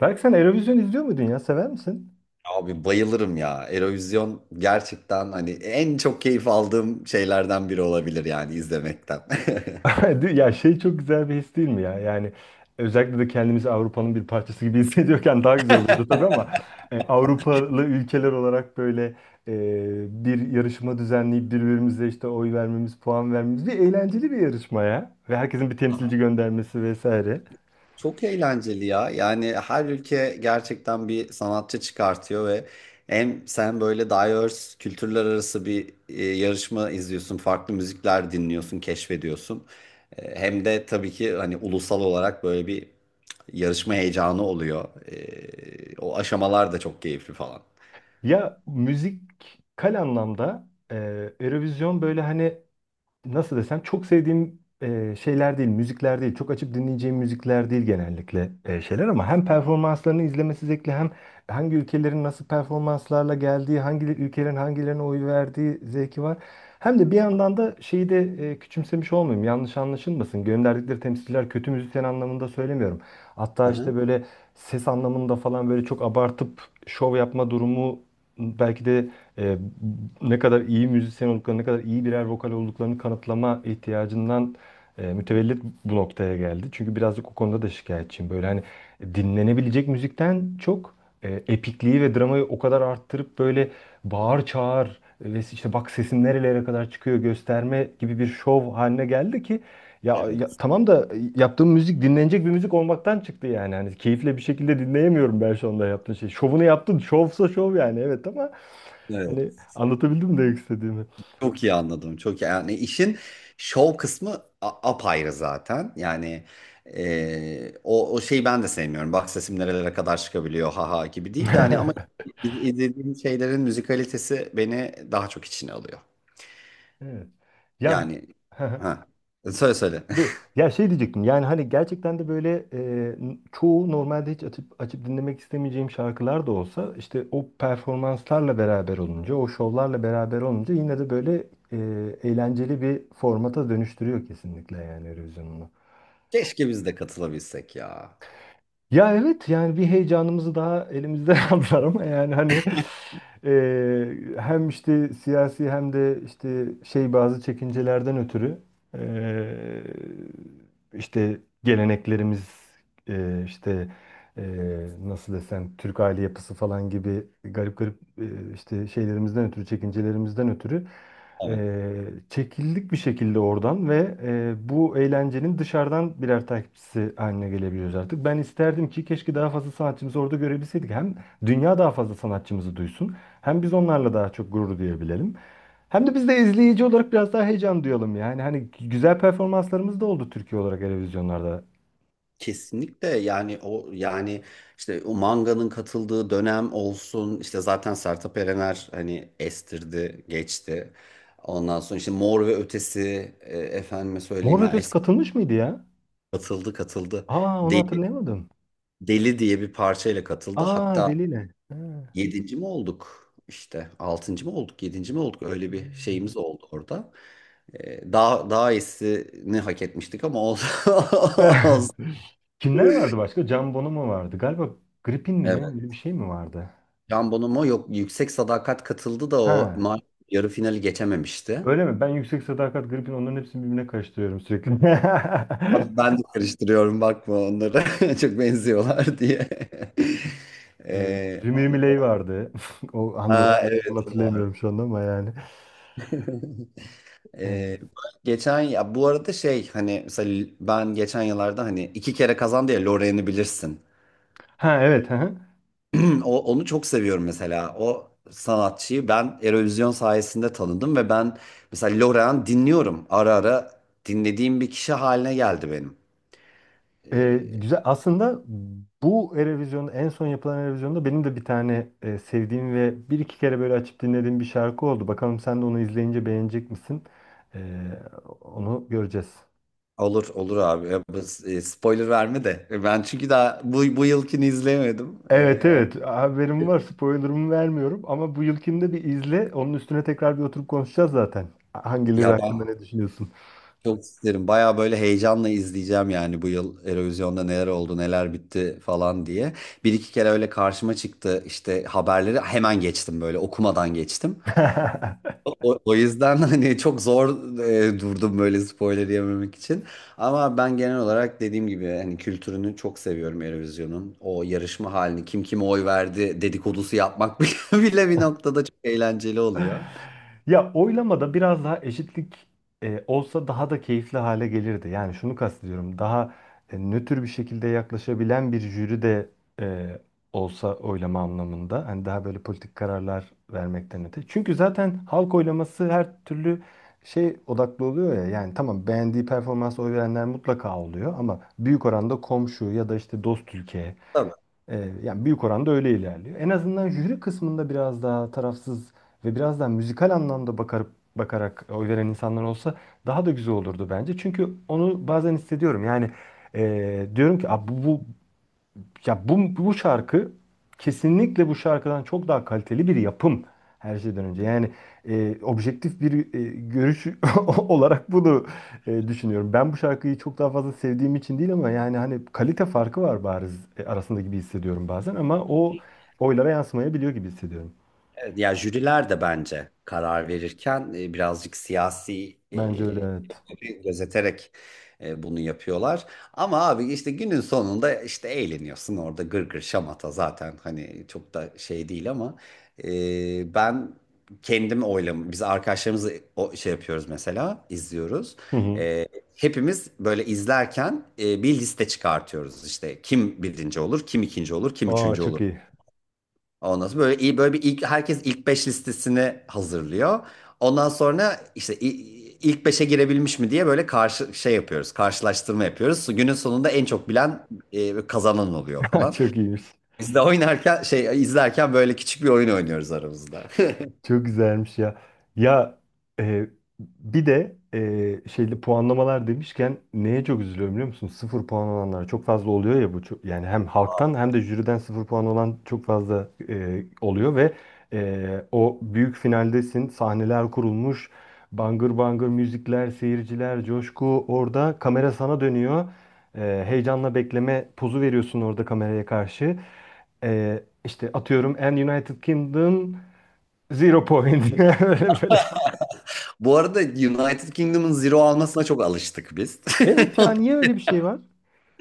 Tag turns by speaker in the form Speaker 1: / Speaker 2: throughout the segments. Speaker 1: Belki sen Eurovision izliyor muydun ya? Sever misin?
Speaker 2: Abi bayılırım ya. Eurovision gerçekten hani en çok keyif aldığım şeylerden biri olabilir yani izlemekten.
Speaker 1: Ya şey çok güzel bir his değil mi ya? Yani özellikle de kendimizi Avrupa'nın bir parçası gibi hissediyorken daha güzel oluyordu tabii ama Avrupalı ülkeler olarak böyle bir yarışma düzenleyip birbirimize işte oy vermemiz, puan vermemiz bir eğlenceli bir yarışma ya. Ve herkesin bir temsilci göndermesi vesaire.
Speaker 2: Çok eğlenceli ya. Yani her ülke gerçekten bir sanatçı çıkartıyor ve hem sen böyle diverse kültürler arası bir yarışma izliyorsun, farklı müzikler dinliyorsun, keşfediyorsun. Hem de tabii ki hani ulusal olarak böyle bir yarışma heyecanı oluyor. O aşamalar da çok keyifli falan.
Speaker 1: Ya müzikal anlamda Eurovision böyle hani nasıl desem çok sevdiğim şeyler değil, müzikler değil. Çok açıp dinleyeceğim müzikler değil genellikle şeyler ama hem performanslarını izlemesi zevkli hem hangi ülkelerin nasıl performanslarla geldiği, hangi ülkelerin hangilerine oy verdiği zevki var. Hem de bir yandan da şeyi de küçümsemiş olmayayım. Yanlış anlaşılmasın. Gönderdikleri temsilciler kötü müzisyen anlamında söylemiyorum. Hatta işte
Speaker 2: Aha.
Speaker 1: böyle ses anlamında falan böyle çok abartıp şov yapma durumu belki de e, ne kadar iyi müzisyen olduklarını, ne kadar iyi birer vokal olduklarını kanıtlama ihtiyacından mütevellit bu noktaya geldi. Çünkü birazcık o konuda da şikayetçiyim. Böyle hani dinlenebilecek müzikten çok epikliği ve dramayı o kadar arttırıp böyle bağır çağır ve işte bak sesim nerelere kadar çıkıyor gösterme gibi bir şov haline geldi ki ya, ya
Speaker 2: Evet.
Speaker 1: tamam da yaptığım müzik dinlenecek bir müzik olmaktan çıktı yani. Hani keyifle bir şekilde dinleyemiyorum ben şu anda yaptığım şey. Şovunu yaptın. Şovsa şov yani evet ama
Speaker 2: Evet.
Speaker 1: hani anlatabildim mi demek istediğimi?
Speaker 2: Çok iyi anladım. Çok iyi. Yani işin şov kısmı apayrı zaten. Yani o şeyi ben de sevmiyorum. Bak sesim nerelere kadar çıkabiliyor haha gibi değil de hani ama izlediğim şeylerin müzikalitesi beni daha çok içine alıyor.
Speaker 1: Evet. Ya
Speaker 2: Yani ha. Söyle söyle.
Speaker 1: bu- ya şey diyecektim. Yani hani gerçekten de böyle çoğu normalde hiç açıp açıp dinlemek istemeyeceğim şarkılar da olsa işte o performanslarla beraber olunca, o şovlarla beraber olunca yine de böyle e, eğlenceli bir formata dönüştürüyor kesinlikle yani Eurovision'u.
Speaker 2: Keşke biz de katılabilsek ya.
Speaker 1: Ya evet yani bir heyecanımızı daha elimizden aldılar ama yani hani hem işte siyasi hem de işte şey bazı çekincelerden ötürü e, işte geleneklerimiz işte e, nasıl desem Türk aile yapısı falan gibi garip garip işte şeylerimizden ötürü çekincelerimizden ötürü
Speaker 2: Evet.
Speaker 1: Çekildik bir şekilde oradan ve bu eğlencenin dışarıdan birer takipçisi haline gelebiliyoruz artık. Ben isterdim ki keşke daha fazla sanatçımızı orada görebilseydik. Hem dünya daha fazla sanatçımızı duysun, hem biz onlarla daha çok gurur duyabilelim. Hem de biz de izleyici olarak biraz daha heyecan duyalım yani. Hani güzel performanslarımız da oldu Türkiye olarak televizyonlarda.
Speaker 2: Kesinlikle yani o yani işte o manganın katıldığı dönem olsun işte zaten Sertab Erener hani estirdi geçti. Ondan sonra işte Mor ve Ötesi efendime
Speaker 1: Mor
Speaker 2: söyleyeyim
Speaker 1: ve
Speaker 2: ben
Speaker 1: Ötesi
Speaker 2: eski
Speaker 1: katılmış mıydı ya?
Speaker 2: katıldı.
Speaker 1: Aa onu
Speaker 2: Deli,
Speaker 1: hatırlayamadım.
Speaker 2: Deli diye bir parçayla katıldı.
Speaker 1: Aa
Speaker 2: Hatta
Speaker 1: Deliyle. Ha.
Speaker 2: yedinci mi olduk işte altıncı mı olduk yedinci mi olduk öyle bir şeyimiz oldu orada. Daha daha iyisini hak etmiştik ama olsun.
Speaker 1: Kimler vardı başka? Can Bono mu vardı? Galiba Gripin mi ne?
Speaker 2: Evet.
Speaker 1: Öyle bir şey mi vardı?
Speaker 2: Can Bonomo yok, Yüksek Sadakat katıldı da
Speaker 1: Ha.
Speaker 2: yarı finali geçememişti.
Speaker 1: Öyle mi? Ben Yüksek Sadakat Gripin onların hepsini birbirine karıştırıyorum sürekli.
Speaker 2: Abi ben de karıştırıyorum, bakma onları çok benziyorlar diye.
Speaker 1: Ee,
Speaker 2: Ee,
Speaker 1: Rimi Rimiley vardı. O
Speaker 2: ha
Speaker 1: hanımefendinin adını
Speaker 2: evet o var.
Speaker 1: hatırlayamıyorum şu anda ama yani.
Speaker 2: Ee,
Speaker 1: Ee,
Speaker 2: geçen ya bu arada şey hani mesela ben geçen yıllarda hani iki kere kazandı ya Lorraine'i bilirsin.
Speaker 1: ha evet. Hı hı.
Speaker 2: Onu çok seviyorum mesela. O sanatçıyı ben Eurovision sayesinde tanıdım ve ben mesela Lorehan dinliyorum. Ara ara dinlediğim bir kişi haline geldi benim.
Speaker 1: Ee,
Speaker 2: Ee,
Speaker 1: güzel. Aslında bu Eurovision'da en son yapılan Eurovision'da benim de bir tane sevdiğim ve bir iki kere böyle açıp dinlediğim bir şarkı oldu. Bakalım sen de onu izleyince beğenecek misin? Ee, onu göreceğiz.
Speaker 2: olur olur abi. Spoiler verme de. Ben çünkü daha bu yılkini izleyemedim.
Speaker 1: Evet evet, haberim var, spoilerımı vermiyorum ama bu yılkinde bir izle, onun üstüne tekrar bir oturup konuşacağız zaten. Hangileri
Speaker 2: Ya ben
Speaker 1: hakkında ne düşünüyorsun?
Speaker 2: çok isterim. Baya böyle heyecanla izleyeceğim yani bu yıl Eurovision'da neler oldu, neler bitti falan diye. Bir iki kere öyle karşıma çıktı işte haberleri hemen geçtim böyle okumadan geçtim. O yüzden hani çok zor durdum böyle spoiler yememek için. Ama ben genel olarak dediğim gibi hani kültürünü çok seviyorum Eurovision'un. O yarışma halini kim kime oy verdi dedikodusu yapmak bile bir noktada çok eğlenceli oluyor.
Speaker 1: Ya, oylamada biraz daha eşitlik olsa daha da keyifli hale gelirdi. Yani şunu kastediyorum. Daha nötr bir şekilde yaklaşabilen bir jüri de e, olsa oylama anlamında. Hani daha böyle politik kararlar vermekten öte. Çünkü zaten halk oylaması her türlü şey odaklı oluyor ya. Yani tamam, beğendiği performansa oy verenler mutlaka oluyor ama büyük oranda komşu ya da işte dost ülke
Speaker 2: Tabii.
Speaker 1: yani büyük oranda öyle ilerliyor. En azından jüri kısmında biraz daha tarafsız ve biraz daha müzikal anlamda bakar, bakarak oy veren insanlar olsa daha da güzel olurdu bence. Çünkü onu bazen hissediyorum. Yani diyorum ki "Aa, bu şarkı kesinlikle bu şarkıdan çok daha kaliteli bir yapım her şeyden önce. Yani objektif bir görüş olarak bunu düşünüyorum. Ben bu şarkıyı çok daha fazla sevdiğim için değil ama yani hani kalite farkı var bariz arasında gibi hissediyorum bazen ama o oylara yansımayabiliyor gibi hissediyorum.
Speaker 2: Evet, ya jüriler de bence karar verirken birazcık siyasi
Speaker 1: Bence öyle, evet.
Speaker 2: etkileri gözeterek bunu yapıyorlar. Ama abi işte günün sonunda işte eğleniyorsun orada gır gır şamata zaten hani çok da şey değil ama ben kendim oylam biz arkadaşlarımızla o şey yapıyoruz mesela izliyoruz.
Speaker 1: Hı hı.
Speaker 2: E, hepimiz böyle izlerken bir liste çıkartıyoruz işte kim birinci olur, kim ikinci olur, kim
Speaker 1: Aa,
Speaker 2: üçüncü
Speaker 1: çok
Speaker 2: olur.
Speaker 1: iyi.
Speaker 2: Ondan sonra böyle iyi böyle bir ilk, herkes ilk 5 listesini hazırlıyor. Ondan sonra işte ilk beşe girebilmiş mi diye böyle karşı şey yapıyoruz. Karşılaştırma yapıyoruz. Günün sonunda en çok bilen kazanan oluyor falan.
Speaker 1: Çok iyiymiş.
Speaker 2: Biz de oynarken şey izlerken böyle küçük bir oyun oynuyoruz aramızda.
Speaker 1: Çok güzelmiş ya. Ya e, bir de şeyli puanlamalar demişken neye çok üzülüyorum biliyor musun? Sıfır puan olanlar çok fazla oluyor ya bu. Çok, yani hem halktan hem de jüriden sıfır puan olan çok fazla oluyor ve e, o büyük finaldesin. Sahneler kurulmuş. Bangır bangır müzikler, seyirciler, coşku. Orada kamera sana dönüyor. E, heyecanla bekleme pozu veriyorsun orada kameraya karşı. E, işte atıyorum, and United Kingdom, zero point. Böyle böyle.
Speaker 2: Bu arada United Kingdom'ın zero almasına çok alıştık biz.
Speaker 1: Evet ya, niye öyle bir şey var?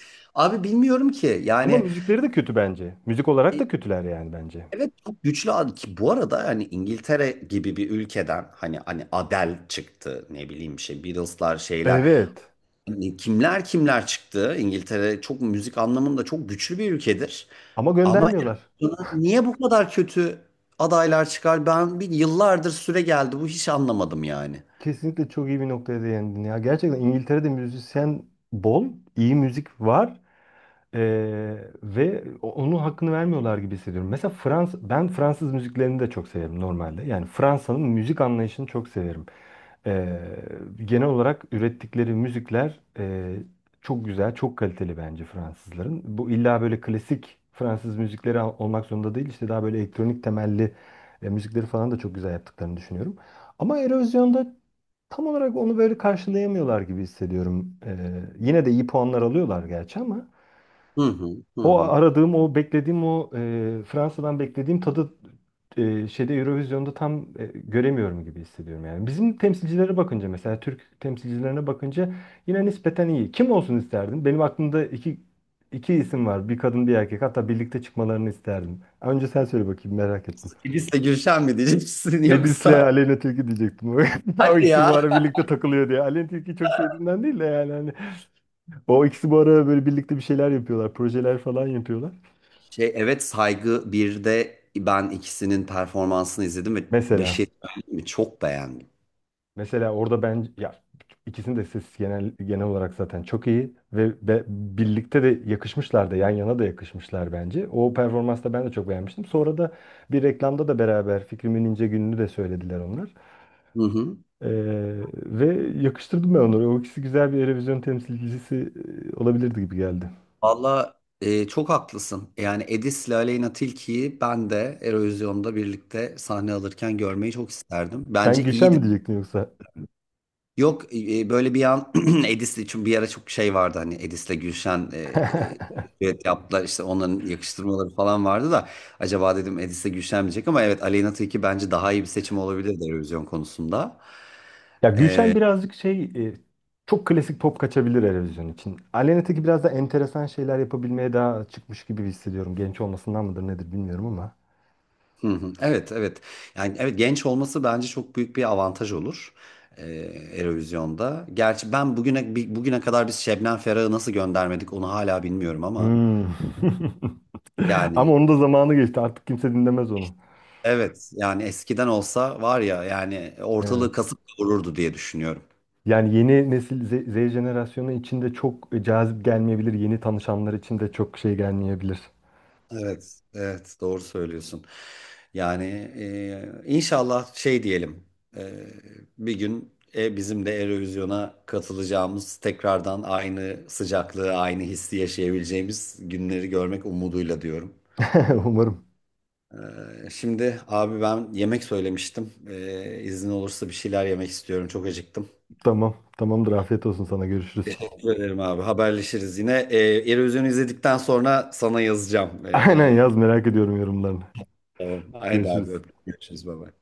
Speaker 2: Abi bilmiyorum ki
Speaker 1: Ama
Speaker 2: yani
Speaker 1: müzikleri de kötü bence. Müzik olarak da kötüler yani bence.
Speaker 2: evet çok güçlü ad ki bu arada hani İngiltere gibi bir ülkeden hani hani Adele çıktı, ne bileyim şey Beatles'lar şeyler
Speaker 1: Evet.
Speaker 2: hani kimler kimler çıktı. İngiltere çok müzik anlamında çok güçlü bir ülkedir
Speaker 1: Ama
Speaker 2: ama
Speaker 1: göndermiyorlar.
Speaker 2: Erasmus'a niye bu kadar kötü adaylar çıkar, ben bir yıllardır süre geldi bu hiç anlamadım yani.
Speaker 1: Kesinlikle çok iyi bir noktaya değindin ya. Gerçekten İngiltere'de müzisyen bol, iyi müzik var. Ee, ve onun hakkını vermiyorlar gibi hissediyorum. Mesela Frans, ben Fransız müziklerini de çok severim normalde. Yani Fransa'nın müzik anlayışını çok severim. Ee, genel olarak ürettikleri müzikler çok güzel, çok kaliteli bence Fransızların. Bu illa böyle klasik Fransız müzikleri olmak zorunda değil. İşte daha böyle elektronik temelli müzikleri falan da çok güzel yaptıklarını düşünüyorum. Ama Erozyon'da tam olarak onu böyle karşılayamıyorlar gibi hissediyorum. Yine de iyi puanlar alıyorlar gerçi ama.
Speaker 2: Hı hı, hı
Speaker 1: O
Speaker 2: hı.
Speaker 1: aradığım, o beklediğim, o Fransa'dan beklediğim tadı şeyde Eurovision'da tam göremiyorum gibi hissediyorum yani. Bizim temsilcilere bakınca, mesela Türk temsilcilerine bakınca yine nispeten iyi. Kim olsun isterdin? Benim aklımda iki isim var. Bir kadın, bir erkek. Hatta birlikte çıkmalarını isterdim. Önce sen söyle bakayım, merak ettim.
Speaker 2: Elis'le Gülşen mi diyeceksin
Speaker 1: Edis'le
Speaker 2: yoksa?
Speaker 1: Aleyna Tilki diyecektim. O
Speaker 2: Hadi
Speaker 1: ikisi
Speaker 2: ya.
Speaker 1: bu ara birlikte takılıyor diye. Aleyna Tilki'yi çok sevdiğimden değil de yani hani o ikisi bu ara böyle birlikte bir şeyler yapıyorlar, projeler falan yapıyorlar.
Speaker 2: Şey evet saygı bir de ben ikisinin performansını izledim ve
Speaker 1: Mesela.
Speaker 2: Beşir mi çok beğendim.
Speaker 1: Mesela orada ben ya ikisinin de sesi genel olarak zaten çok iyi ve birlikte de yakışmışlar da, yan yana da yakışmışlar bence. O performansı da ben de çok beğenmiştim. Sonra da bir reklamda da beraber Fikrimin İnce Günü'nü de söylediler onlar.
Speaker 2: Hı hı.
Speaker 1: Ve yakıştırdım ben onları. O ikisi güzel bir Eurovision temsilcisi olabilirdi gibi geldi.
Speaker 2: Valla çok haklısın. Yani Edis'le Aleyna Tilki'yi ben de Eurovision'da birlikte sahne alırken görmeyi çok isterdim.
Speaker 1: Sen
Speaker 2: Bence
Speaker 1: Gülşen
Speaker 2: iyiydi.
Speaker 1: mi diyecektin yoksa?
Speaker 2: Yok böyle bir an Edis'le için bir ara çok şey vardı hani evet yaptılar işte onların yakıştırmaları falan vardı da acaba dedim Edis'le Gülşen mi diyecek ama evet Aleyna Tilki bence daha iyi bir seçim olabilirdi Eurovision konusunda.
Speaker 1: Ya Gülşen birazcık şey çok klasik pop kaçabilir Eurovision için. Aleyna Tilki biraz da enteresan şeyler yapabilmeye daha çıkmış gibi hissediyorum. Genç olmasından mıdır nedir bilmiyorum ama.
Speaker 2: Hı hı. Evet, evet. Yani evet genç olması bence çok büyük bir avantaj olur. Ee, Eurovision'da. Gerçi ben bugüne bugüne kadar biz Şebnem Ferah'ı nasıl göndermedik onu hala bilmiyorum ama
Speaker 1: Hmm. Ama
Speaker 2: yani
Speaker 1: onun da zamanı geçti. Artık kimse dinlemez onu.
Speaker 2: evet yani eskiden olsa var ya yani ortalığı
Speaker 1: Evet.
Speaker 2: kasıp kavururdu diye düşünüyorum.
Speaker 1: Yani yeni nesil Z jenerasyonu için de çok cazip gelmeyebilir. Yeni tanışanlar için de çok şey gelmeyebilir.
Speaker 2: Evet, evet doğru söylüyorsun. Yani inşallah şey diyelim e, bir gün bizim de Eurovision'a katılacağımız, tekrardan aynı sıcaklığı, aynı hissi yaşayabileceğimiz günleri görmek umuduyla diyorum.
Speaker 1: Umarım.
Speaker 2: Şimdi abi ben yemek söylemiştim. İzin olursa bir şeyler yemek istiyorum. Çok acıktım.
Speaker 1: Tamam. Tamamdır. Afiyet olsun sana. Görüşürüz.
Speaker 2: Teşekkür ederim abi. Haberleşiriz yine. Eurovision'u izledikten sonra sana yazacağım.
Speaker 1: Aynen yaz, merak ediyorum yorumlarını.
Speaker 2: Tamam. Haydi abi
Speaker 1: Görüşürüz.
Speaker 2: öptüm. Görüşürüz baba.